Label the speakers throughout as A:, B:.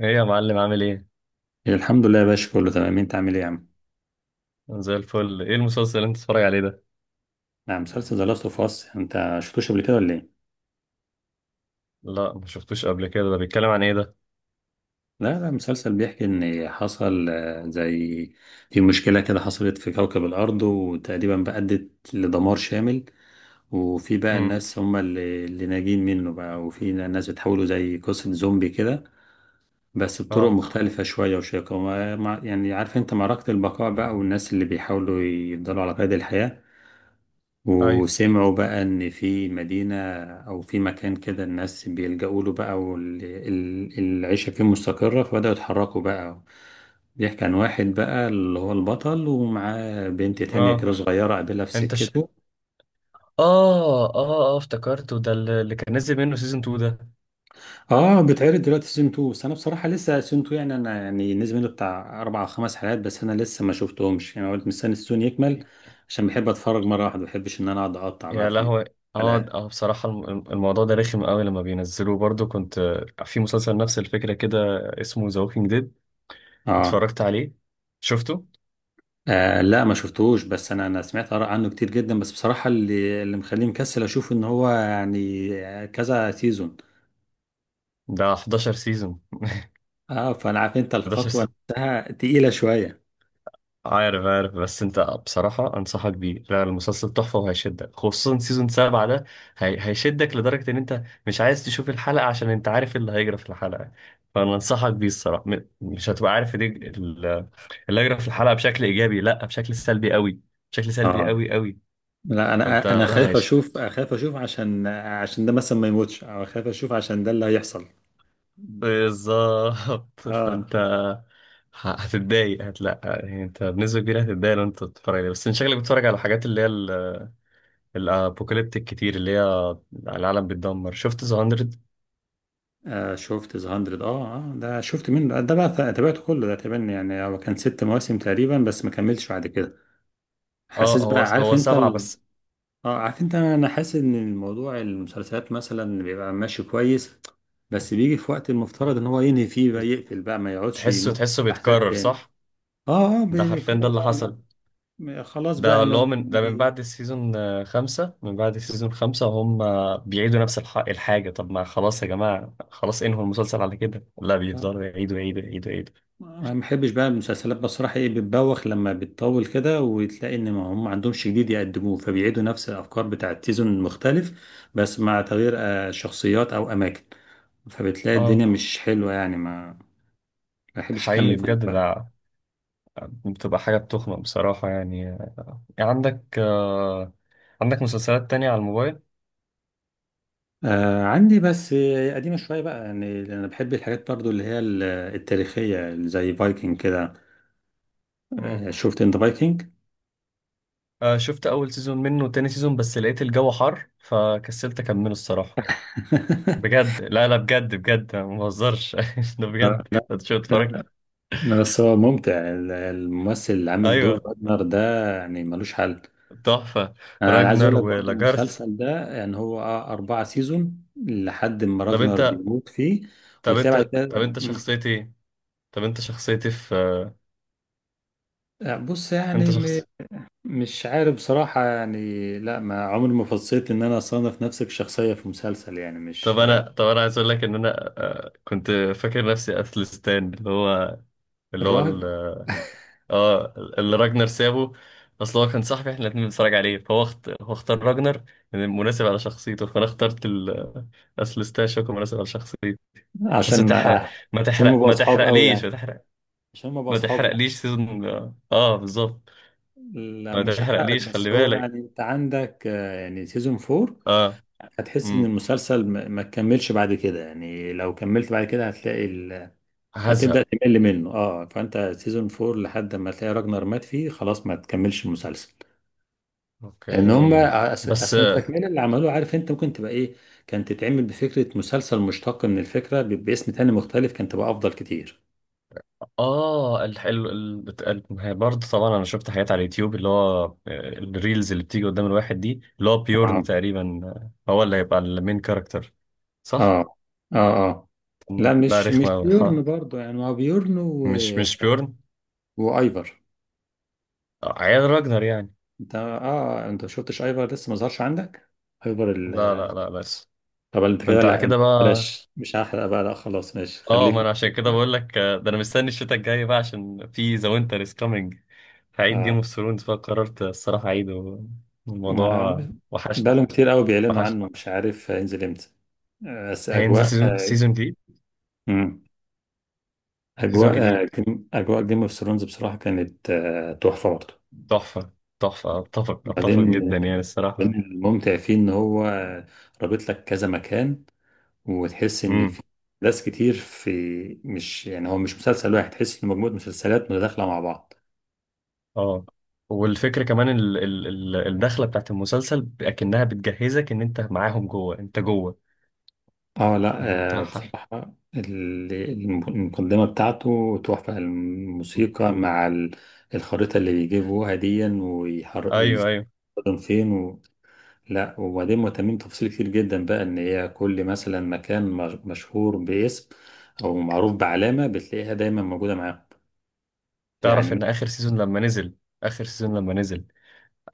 A: ايه يا معلم، عامل ايه؟
B: الحمد لله يا باشا، كله تمام. انت عامل ايه يا عم؟
A: أنا زي الفل. ايه المسلسل اللي انت بتتفرج عليه ده؟
B: نعم، مسلسل ذا لاست اوف اس. انت شفتوش قبل كده ولا ايه؟
A: لا، ما شفتوش قبل كده. ده بيتكلم عن ايه ده؟
B: لا لا، مسلسل بيحكي ان حصل زي في مشكلة كده حصلت في كوكب الارض وتقريبا بقى ادت لدمار شامل. وفي بقى
A: امم
B: الناس هم اللي ناجين منه بقى، وفي ناس بتحولوا زي قصة زومبي كده، بس بطرق
A: اه،
B: مختلفة شوية وشيقة. يعني عارف انت، معركة البقاء بقى والناس اللي بيحاولوا يفضلوا على قيد الحياة.
A: ايوه،
B: وسمعوا بقى ان في مدينة او في مكان كده الناس بيلجأوا له بقى والعيشة فيه مستقرة، فبدأوا يتحركوا بقى. بيحكي عن واحد بقى اللي هو البطل، ومعاه بنت تانية
A: اه،
B: كده صغيرة قابلها في
A: انت ش...
B: سكته.
A: اه، افتكرته، ده اللي كان نزل منه سيزون 2 ده.
B: اه، بتعرض دلوقتي سيزون 2. بس انا بصراحة لسه سيزون 2، يعني انا يعني نزل منه بتاع اربع او خمس حلقات بس، انا لسه ما شفتهمش يعني. قلت مستني السيزون يكمل، عشان بحب اتفرج مرة واحدة، ما بحبش ان انا اقعد اقطع بقى
A: يا
B: في
A: لهوي،
B: الحلقات.
A: اه بصراحة الموضوع ده رخم قوي لما بينزلوه. برضو كنت، في مسلسل نفس الفكرة كده، اسمه ذا ووكينج ديد.
B: اه،
A: اتفرجت عليه؟ شفته؟
B: لا ما شفتهوش، بس انا سمعت اراء عنه كتير جدا. بس بصراحه اللي مخليني مكسل اشوف ان هو يعني كذا سيزون.
A: ده 11 سيزون،
B: اه، فانا عارف انت، الخطوه
A: 11.
B: نفسها تقيله شويه.
A: عارف، عارف، بس انت بصراحة انصحك بيه. لا، المسلسل تحفة وهيشدك، خصوصا سيزون 7 ده. هيشدك لدرجة ان انت مش عايز تشوف الحلقة عشان انت عارف إيه اللي هيجرى في الحلقة. فانا انصحك بيه الصراحة. مش هتبقى عارف دي. اللي هيجرى في الحلقة بشكل ايجابي، لا، بشكل سلبي قوي، بشكل سلبي
B: اه،
A: قوي قوي.
B: لا
A: فانت
B: انا
A: لا
B: خايف
A: هيش
B: اشوف، خايف اشوف عشان ده مثلا ما يموتش، او خايف اشوف عشان ده اللي هيحصل.
A: بالظبط.
B: اه,
A: فانت هتتضايق، هتلا يعني، انت بنسبة كبيرة هتتضايق لو انت بتتفرج عليه. بس انت شكلك بتتفرج على الحاجات اللي هي الابوكاليبتيك كتير، اللي هي العالم بيتدمر. شفت ذا 100؟
B: آه، شفت ذا 100. اه اه، ده شفت منه ده بقى، تابعته كله ده تقريبا. يعني هو كان ست مواسم تقريبا بس ما كملش بعد كده. حاسس
A: اه،
B: بقى
A: هو
B: عارف
A: هو
B: انت.
A: 7 بس.
B: اه، عارف انت، انا حاسس ان الموضوع المسلسلات مثلا بيبقى ماشي كويس، بس بيجي في وقت المفترض ان هو ينهي فيه بقى، يقفل بقى، ما يقعدش
A: تحسه
B: يمك
A: تحسه
B: احداث
A: بيتكرر،
B: تاني.
A: صح؟
B: اه اه،
A: ده حرفيا ده
B: بيقرر
A: اللي
B: بقى، لا،
A: حصل.
B: م- خلاص بقى
A: ده اللي
B: انه
A: هو من ده، من
B: بي-
A: بعد السيزون، 5، من بعد السيزون 5 هم بيعيدوا نفس الحاجة. طب ما خلاص يا جماعة، خلاص انهوا المسلسل على كده. لا، بيفضلوا
B: آه،
A: يعيدوا يعيدوا يعيدوا يعيدوا.
B: ما بحبش بقى المسلسلات بصراحة. ايه، بتبوخ لما بتطول كده، وتلاقي ان ما هم ما عندهمش جديد يقدموه، فبيعيدوا نفس الافكار بتاعت سيزون المختلف، بس مع تغيير شخصيات او اماكن. فبتلاقي الدنيا
A: اه،
B: مش حلوة يعني. ما بحبش
A: حقيقي
B: اكمل فيه.
A: بجد ده. بتبقى حاجة بتخنق بصراحة يعني. عندك مسلسلات تانية على الموبايل؟
B: آه عندي، بس قديمة شوية بقى. يعني لأن أنا بحب الحاجات برضو التاريخية اللي زي فايكنج كده. آه، شفت أنت فايكنج؟
A: شفت اول سيزون منه وتاني سيزون، بس لقيت الجو حر فكسلت اكمله الصراحه. بجد، لا لا، بجد بجد، أنا ما بهزرش. ده بجد
B: لا
A: انت شو
B: لا،
A: اتفرجت.
B: بس هو ممتع. الممثل اللي عامل دور
A: ايوه،
B: راجنر ده، يعني ملوش حل.
A: تحفه.
B: أنا عايز
A: راجنر
B: أقول لك برضو
A: ولاجارث.
B: المسلسل ده، يعني هو أربعة سيزون لحد ما
A: طب
B: راجنر
A: انت
B: بيموت فيه،
A: طب
B: وتلاقي
A: انت
B: بعد
A: طب
B: كده
A: انت شخصيتي ايه، طب انت شخصيتي في،
B: بص
A: انت
B: يعني،
A: شخص.
B: مش عارف بصراحة. يعني لا، ما عمري ما فصيت ان انا اصنف نفسي كشخصية في مسلسل يعني. مش
A: طب انا عايز اقول لك ان انا، كنت فاكر نفسي اثلستان، اللي هو
B: الراهب
A: اه، اللي راجنر سابه. اصل هو كان صاحبي، احنا الاتنين بنتفرج عليه، فهو هو اختار راجنر لأن مناسب على شخصيته، فانا اخترت اصل ستاشوك مناسب على شخصيته. بس ما
B: عشان
A: تحرق، ما
B: عشان هم
A: تحرق،
B: بقوا
A: ما
B: اصحاب قوي
A: تحرقليش، ما
B: يعني،
A: تحرق،
B: عشان هم بقوا
A: ما
B: اصحاب يعني.
A: تحرقليش سيزون. اه بالظبط.
B: لا
A: ما
B: مش هحرق لك،
A: تحرقليش، خلي
B: بس هو
A: بالك.
B: يعني انت عندك يعني سيزون 4،
A: اه.
B: هتحس ان
A: امم
B: المسلسل ما تكملش بعد كده. يعني لو كملت بعد كده هتلاقي هتبدأ
A: هزهق.
B: تمل منه. اه، فانت سيزون 4 لحد ما تلاقي راجنر مات فيه، خلاص ما تكملش المسلسل. ان هم
A: اوكي. بس
B: اصل التكمله اللي عملوه، عارف انت ممكن تبقى ايه، كانت تتعمل بفكره مسلسل مشتق من الفكره باسم تاني مختلف، كانت تبقى افضل كتير.
A: اه، الحلو، هي برضه طبعا انا شفت حاجات على اليوتيوب، اللي هو، الريلز اللي بتيجي قدام الواحد دي، اللي هو بيورن
B: اه
A: تقريبا، هو اللي هيبقى المين كاركتر، صح؟
B: اه اه اه،
A: طب ما-
B: لا
A: لا
B: مش
A: رخمة أوي، ها.
B: بيورن برضه. يعني هو بيورن و...
A: مش بيورن.
B: وايفر.
A: عيال راجنر يعني.
B: انت اه، انت ما شفتش ايفر لسه ما ظهرش عندك. ايفر
A: لا لا لا، بس
B: طب انت كده
A: كنت على
B: لا،
A: كده بقى.
B: بلاش مش هحرق بقى، لا خلاص ماشي
A: اه، ما
B: خليك.
A: انا عشان كده بقول لك، ده انا مستني الشتاء الجاي بقى عشان في ذا وينتر از كامينج. هعيد جيم
B: آه.
A: اوف ثرونز، فقررت الصراحة اعيده.
B: ما
A: الموضوع وحشني،
B: بقالهم كتير قوي بيعلنوا
A: وحشني.
B: عنه، مش عارف هينزل امتى. بس
A: هينزل
B: اجواء
A: سيزون، سيزون جديد،
B: مم.
A: سيزون
B: اجواء آه،
A: جديد.
B: جيم اجواء جيم اوف ثرونز بصراحه كانت تحفه برضه.
A: تحفة، تحفة، أتفق، أتفق
B: بعدين،
A: جدا يعني
B: من
A: الصراحة.
B: الممتع فيه ان هو رابط لك كذا مكان، وتحس ان
A: امم
B: في ناس كتير في، مش يعني هو مش مسلسل واحد، تحس ان مجموعه مسلسلات متداخله مع بعض.
A: اه. والفكرة كمان ال الدخلة بتاعت المسلسل أكنها بتجهزك إن أنت معاهم جوه، أنت جوه،
B: اه، لا
A: يعني أنت حر.
B: بصراحه المقدمه بتاعته تحفه، الموسيقى مع الخريطه اللي بيجيبوها دي ويحرك
A: أيوه، أيوه.
B: ويستخدم فين. لا وبعدين مهتمين بتفاصيل كتير جدا بقى، ان هي كل مثلا مكان مشهور باسم او معروف بعلامة بتلاقيها دايما موجودة معاهم
A: تعرف
B: يعني.
A: إن آخر سيزون لما نزل، آخر سيزون لما نزل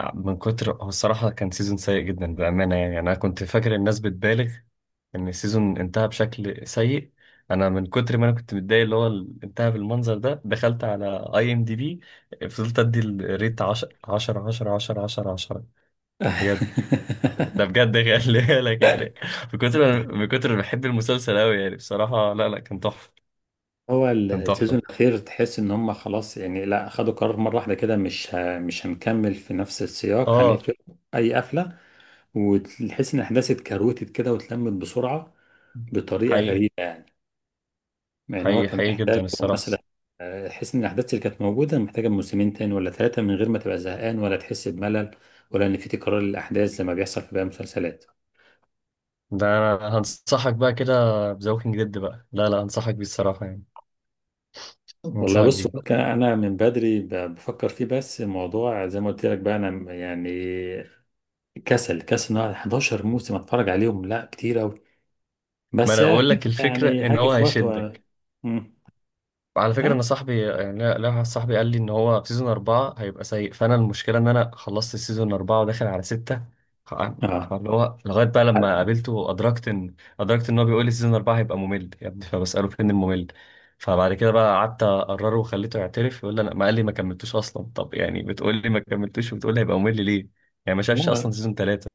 A: من كتر، هو الصراحة كان سيزون سيء جدا بأمانة. يعني أنا كنت فاكر الناس بتبالغ ان السيزون انتهى بشكل سيء. انا من كتر ما انا كنت متضايق، اللي هو انتهى بالمنظر ده، دخلت على اي ام دي بي، فضلت ادي الريت 10، 10، 10، 10، 10، 10.
B: م-
A: بجد، ده بجد، خلي بالك يعني. من كتر من كتر ما بحب المسلسل قوي يعني، بصراحة لا لا، كان تحفة،
B: هو
A: كان
B: السيزون
A: تحفة.
B: الاخير تحس ان هم خلاص يعني، لا خدوا قرار مرة واحدة كده، مش هنكمل في نفس السياق،
A: اه،
B: هنقفل اي قفلة. وتحس ان الاحداث اتكروتت كده واتلمت بسرعة بطريقة
A: حقيقي،
B: غريبة. يعني هو
A: حقيقي
B: كان
A: حقيقي
B: محتاج
A: جدا الصراحة.
B: مثلا، حس ان الاحداث اللي كانت موجوده محتاجه موسمين تاني ولا ثلاثه من غير ما تبقى زهقان ولا تحس بملل، ولا ان في تكرار للاحداث زي ما بيحصل في باقي المسلسلات.
A: ده أنا هنصحك بقى كده بذا ووكينج ديد بقى. لا لا، هنصحك بيه الصراحة يعني،
B: والله
A: هنصحك
B: بص،
A: بيه.
B: هو كان انا من بدري بفكر فيه، بس الموضوع زي ما قلت لك بقى، انا يعني كسل كسل ان أقعد 11 موسم اتفرج عليهم، لا كتير قوي.
A: ما
B: بس
A: أنا بقول
B: اكيد
A: لك الفكرة
B: يعني
A: إن
B: هاجي
A: هو
B: في وقت و...
A: هيشدك.
B: مم.
A: على فكرة
B: طيب،
A: أنا صاحبي يعني، لا لا، واحد صاحبي قال لي إن هو في سيزون 4 هيبقى سيء، فأنا المشكلة إن أنا خلصت سيزون 4 وداخل على 6. ف-
B: اه،
A: فاللي هو لغاية بقى لما قابلته، أدركت إن هو بيقول لي سيزون 4 هيبقى ممل يا ابني، فبسأله فين الممل. فبعد كده بقى قعدت أقرره وخليته يعترف، يقول لي أنا، ما قال لي ما كملتوش أصلا. طب يعني بتقول لي ما كملتوش وبتقول لي هيبقى ممل ليه؟ يعني ما شافش
B: لا
A: أصلا سيزون 3.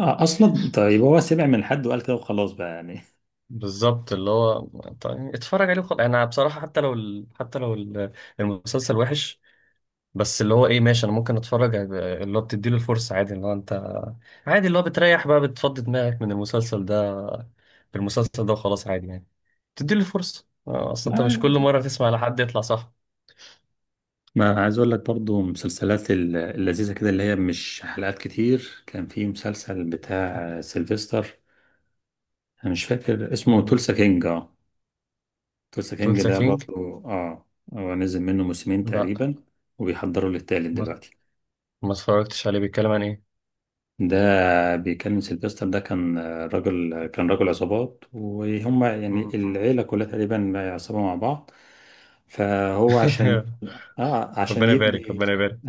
B: اصلا طيب، هو سمع من حد وقال كده وخلاص بقى يعني.
A: بالظبط اللي هو، طيب اتفرج عليه وخلاص. أنا بصراحة حتى لو حتى لو المسلسل وحش، بس اللي هو ايه، ماشي، انا ممكن اتفرج. اللي هو بتديله الفرصه عادي، اللي هو انت عادي، اللي هو بتريح بقى، بتفضي دماغك من المسلسل ده، بالمسلسل ده وخلاص عادي يعني. بتديله الفرصه، اصل انت مش
B: لا،
A: كل مره تسمع لحد يطلع صح.
B: ما عايز اقول لك برضو مسلسلات اللذيذه كده اللي هي مش حلقات كتير. كان في مسلسل بتاع سيلفستر، انا مش فاكر اسمه،
A: مين؟
B: تولسا كينج، اه. تولسا كينج
A: تولسا
B: ده
A: كينج؟
B: برضو، اه. هو نزل منه موسمين
A: لا،
B: تقريبا وبيحضروا للتالت
A: ما,
B: دلوقتي.
A: ما اتفرجتش عليه. بيتكلم عن ايه؟
B: ده بيكلم سيلفستر. ده كان راجل، كان راجل عصابات، وهم يعني
A: مم.
B: العيله كلها تقريبا عصابه مع بعض. فهو عشان اه، عشان
A: ربنا يبارك،
B: يبني،
A: ربنا يبارك.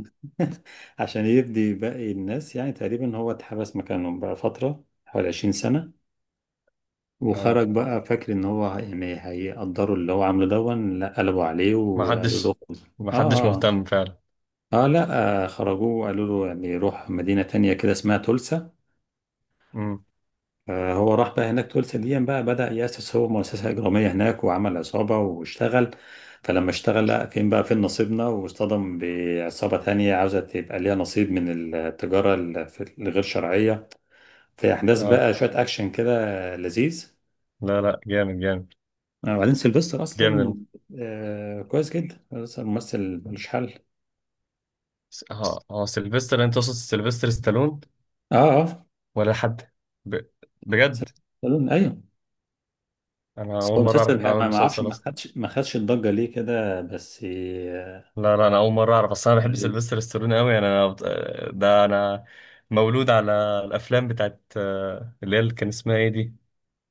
B: عشان يفدي باقي الناس يعني. تقريبا هو اتحبس مكانهم بقى فترة حوالي 20 سنة،
A: آه.
B: وخرج بقى فاكر ان هو يعني هيقدروا اللي هو عامله، دون لا قلبوا عليه
A: ما
B: وقالوا له.
A: حدش، ما حدش
B: اه اه
A: مهتم فعلا.
B: اه، لا خرجوه وقالوا له يعني روح مدينة تانية كده اسمها تولسا.
A: مم.
B: آه، هو راح بقى هناك. تولسا دي بقى بدأ يأسس هو مؤسسة إجرامية هناك وعمل عصابة واشتغل. فلما اشتغل، لا فين بقى فين نصيبنا، واصطدم بعصابة تانية عاوزة تبقى ليها نصيب من التجارة الغير شرعية. في احداث
A: اه،
B: بقى شويه اكشن كده لذيذ.
A: لا لا، جامد، جامد،
B: وبعدين سيلفستر
A: جامد
B: اصلا كويس جدا، بس ممثل ملوش حل.
A: اه اه، سيلفستر، انت تقصد سيلفستر ستالون
B: اه اه،
A: ولا حد؟ ب... بجد؟
B: سيلفستر ايوه.
A: انا
B: بس
A: اول
B: هو
A: مره اعرف
B: مسلسل
A: انه عامل
B: ما اعرفش،
A: مسلسل
B: ما
A: اصلا.
B: خدش ما خدش الضجه ليه كده، بس آه،
A: لا لا، انا اول مره اعرف اصلا. انا بحب
B: لذيذ.
A: سيلفستر ستالوني قوي يعني. انا ده انا مولود على الافلام بتاعت، اللي هي اللي كان اسمها ايه دي،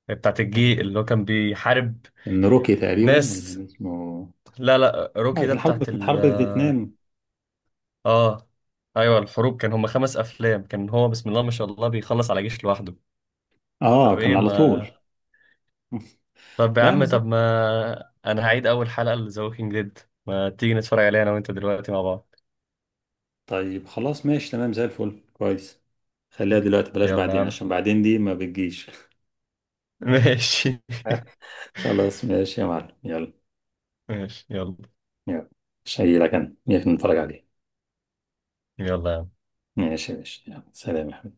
A: بتاعت
B: أيوة.
A: الجي اللي هو كان بيحارب
B: كان روكي تقريبا ولا
A: ناس.
B: كان اسمه،
A: لا لا، روكي
B: آه،
A: ده بتاعت
B: كانت
A: ال.
B: حرب فيتنام.
A: اه، ايوه، الحروب، كان هما 5 افلام، كان هو بسم الله ما شاء الله بيخلص على جيش لوحده.
B: اه،
A: طب
B: كان
A: ايه
B: على
A: ما
B: طول.
A: طب يا
B: لا انا
A: عم،
B: زي،
A: طب ما انا هعيد اول حلقة لذا ووكينج ديد. ما تيجي نتفرج عليها انا وانت دلوقتي مع بعض.
B: طيب خلاص ماشي تمام، زي الفل كويس. خليها دلوقتي بلاش
A: يلا يا
B: بعدين،
A: عم.
B: عشان بعدين دي ما بتجيش.
A: ماشي،
B: خلاص ماشي يا معلم، يلا.
A: ماشي، يلا.
B: يلا، شيلك انا نيجي نتفرج عليه.
A: يلا يا عم.
B: ماشي ماشي، يلا، سلام يا حبيبي.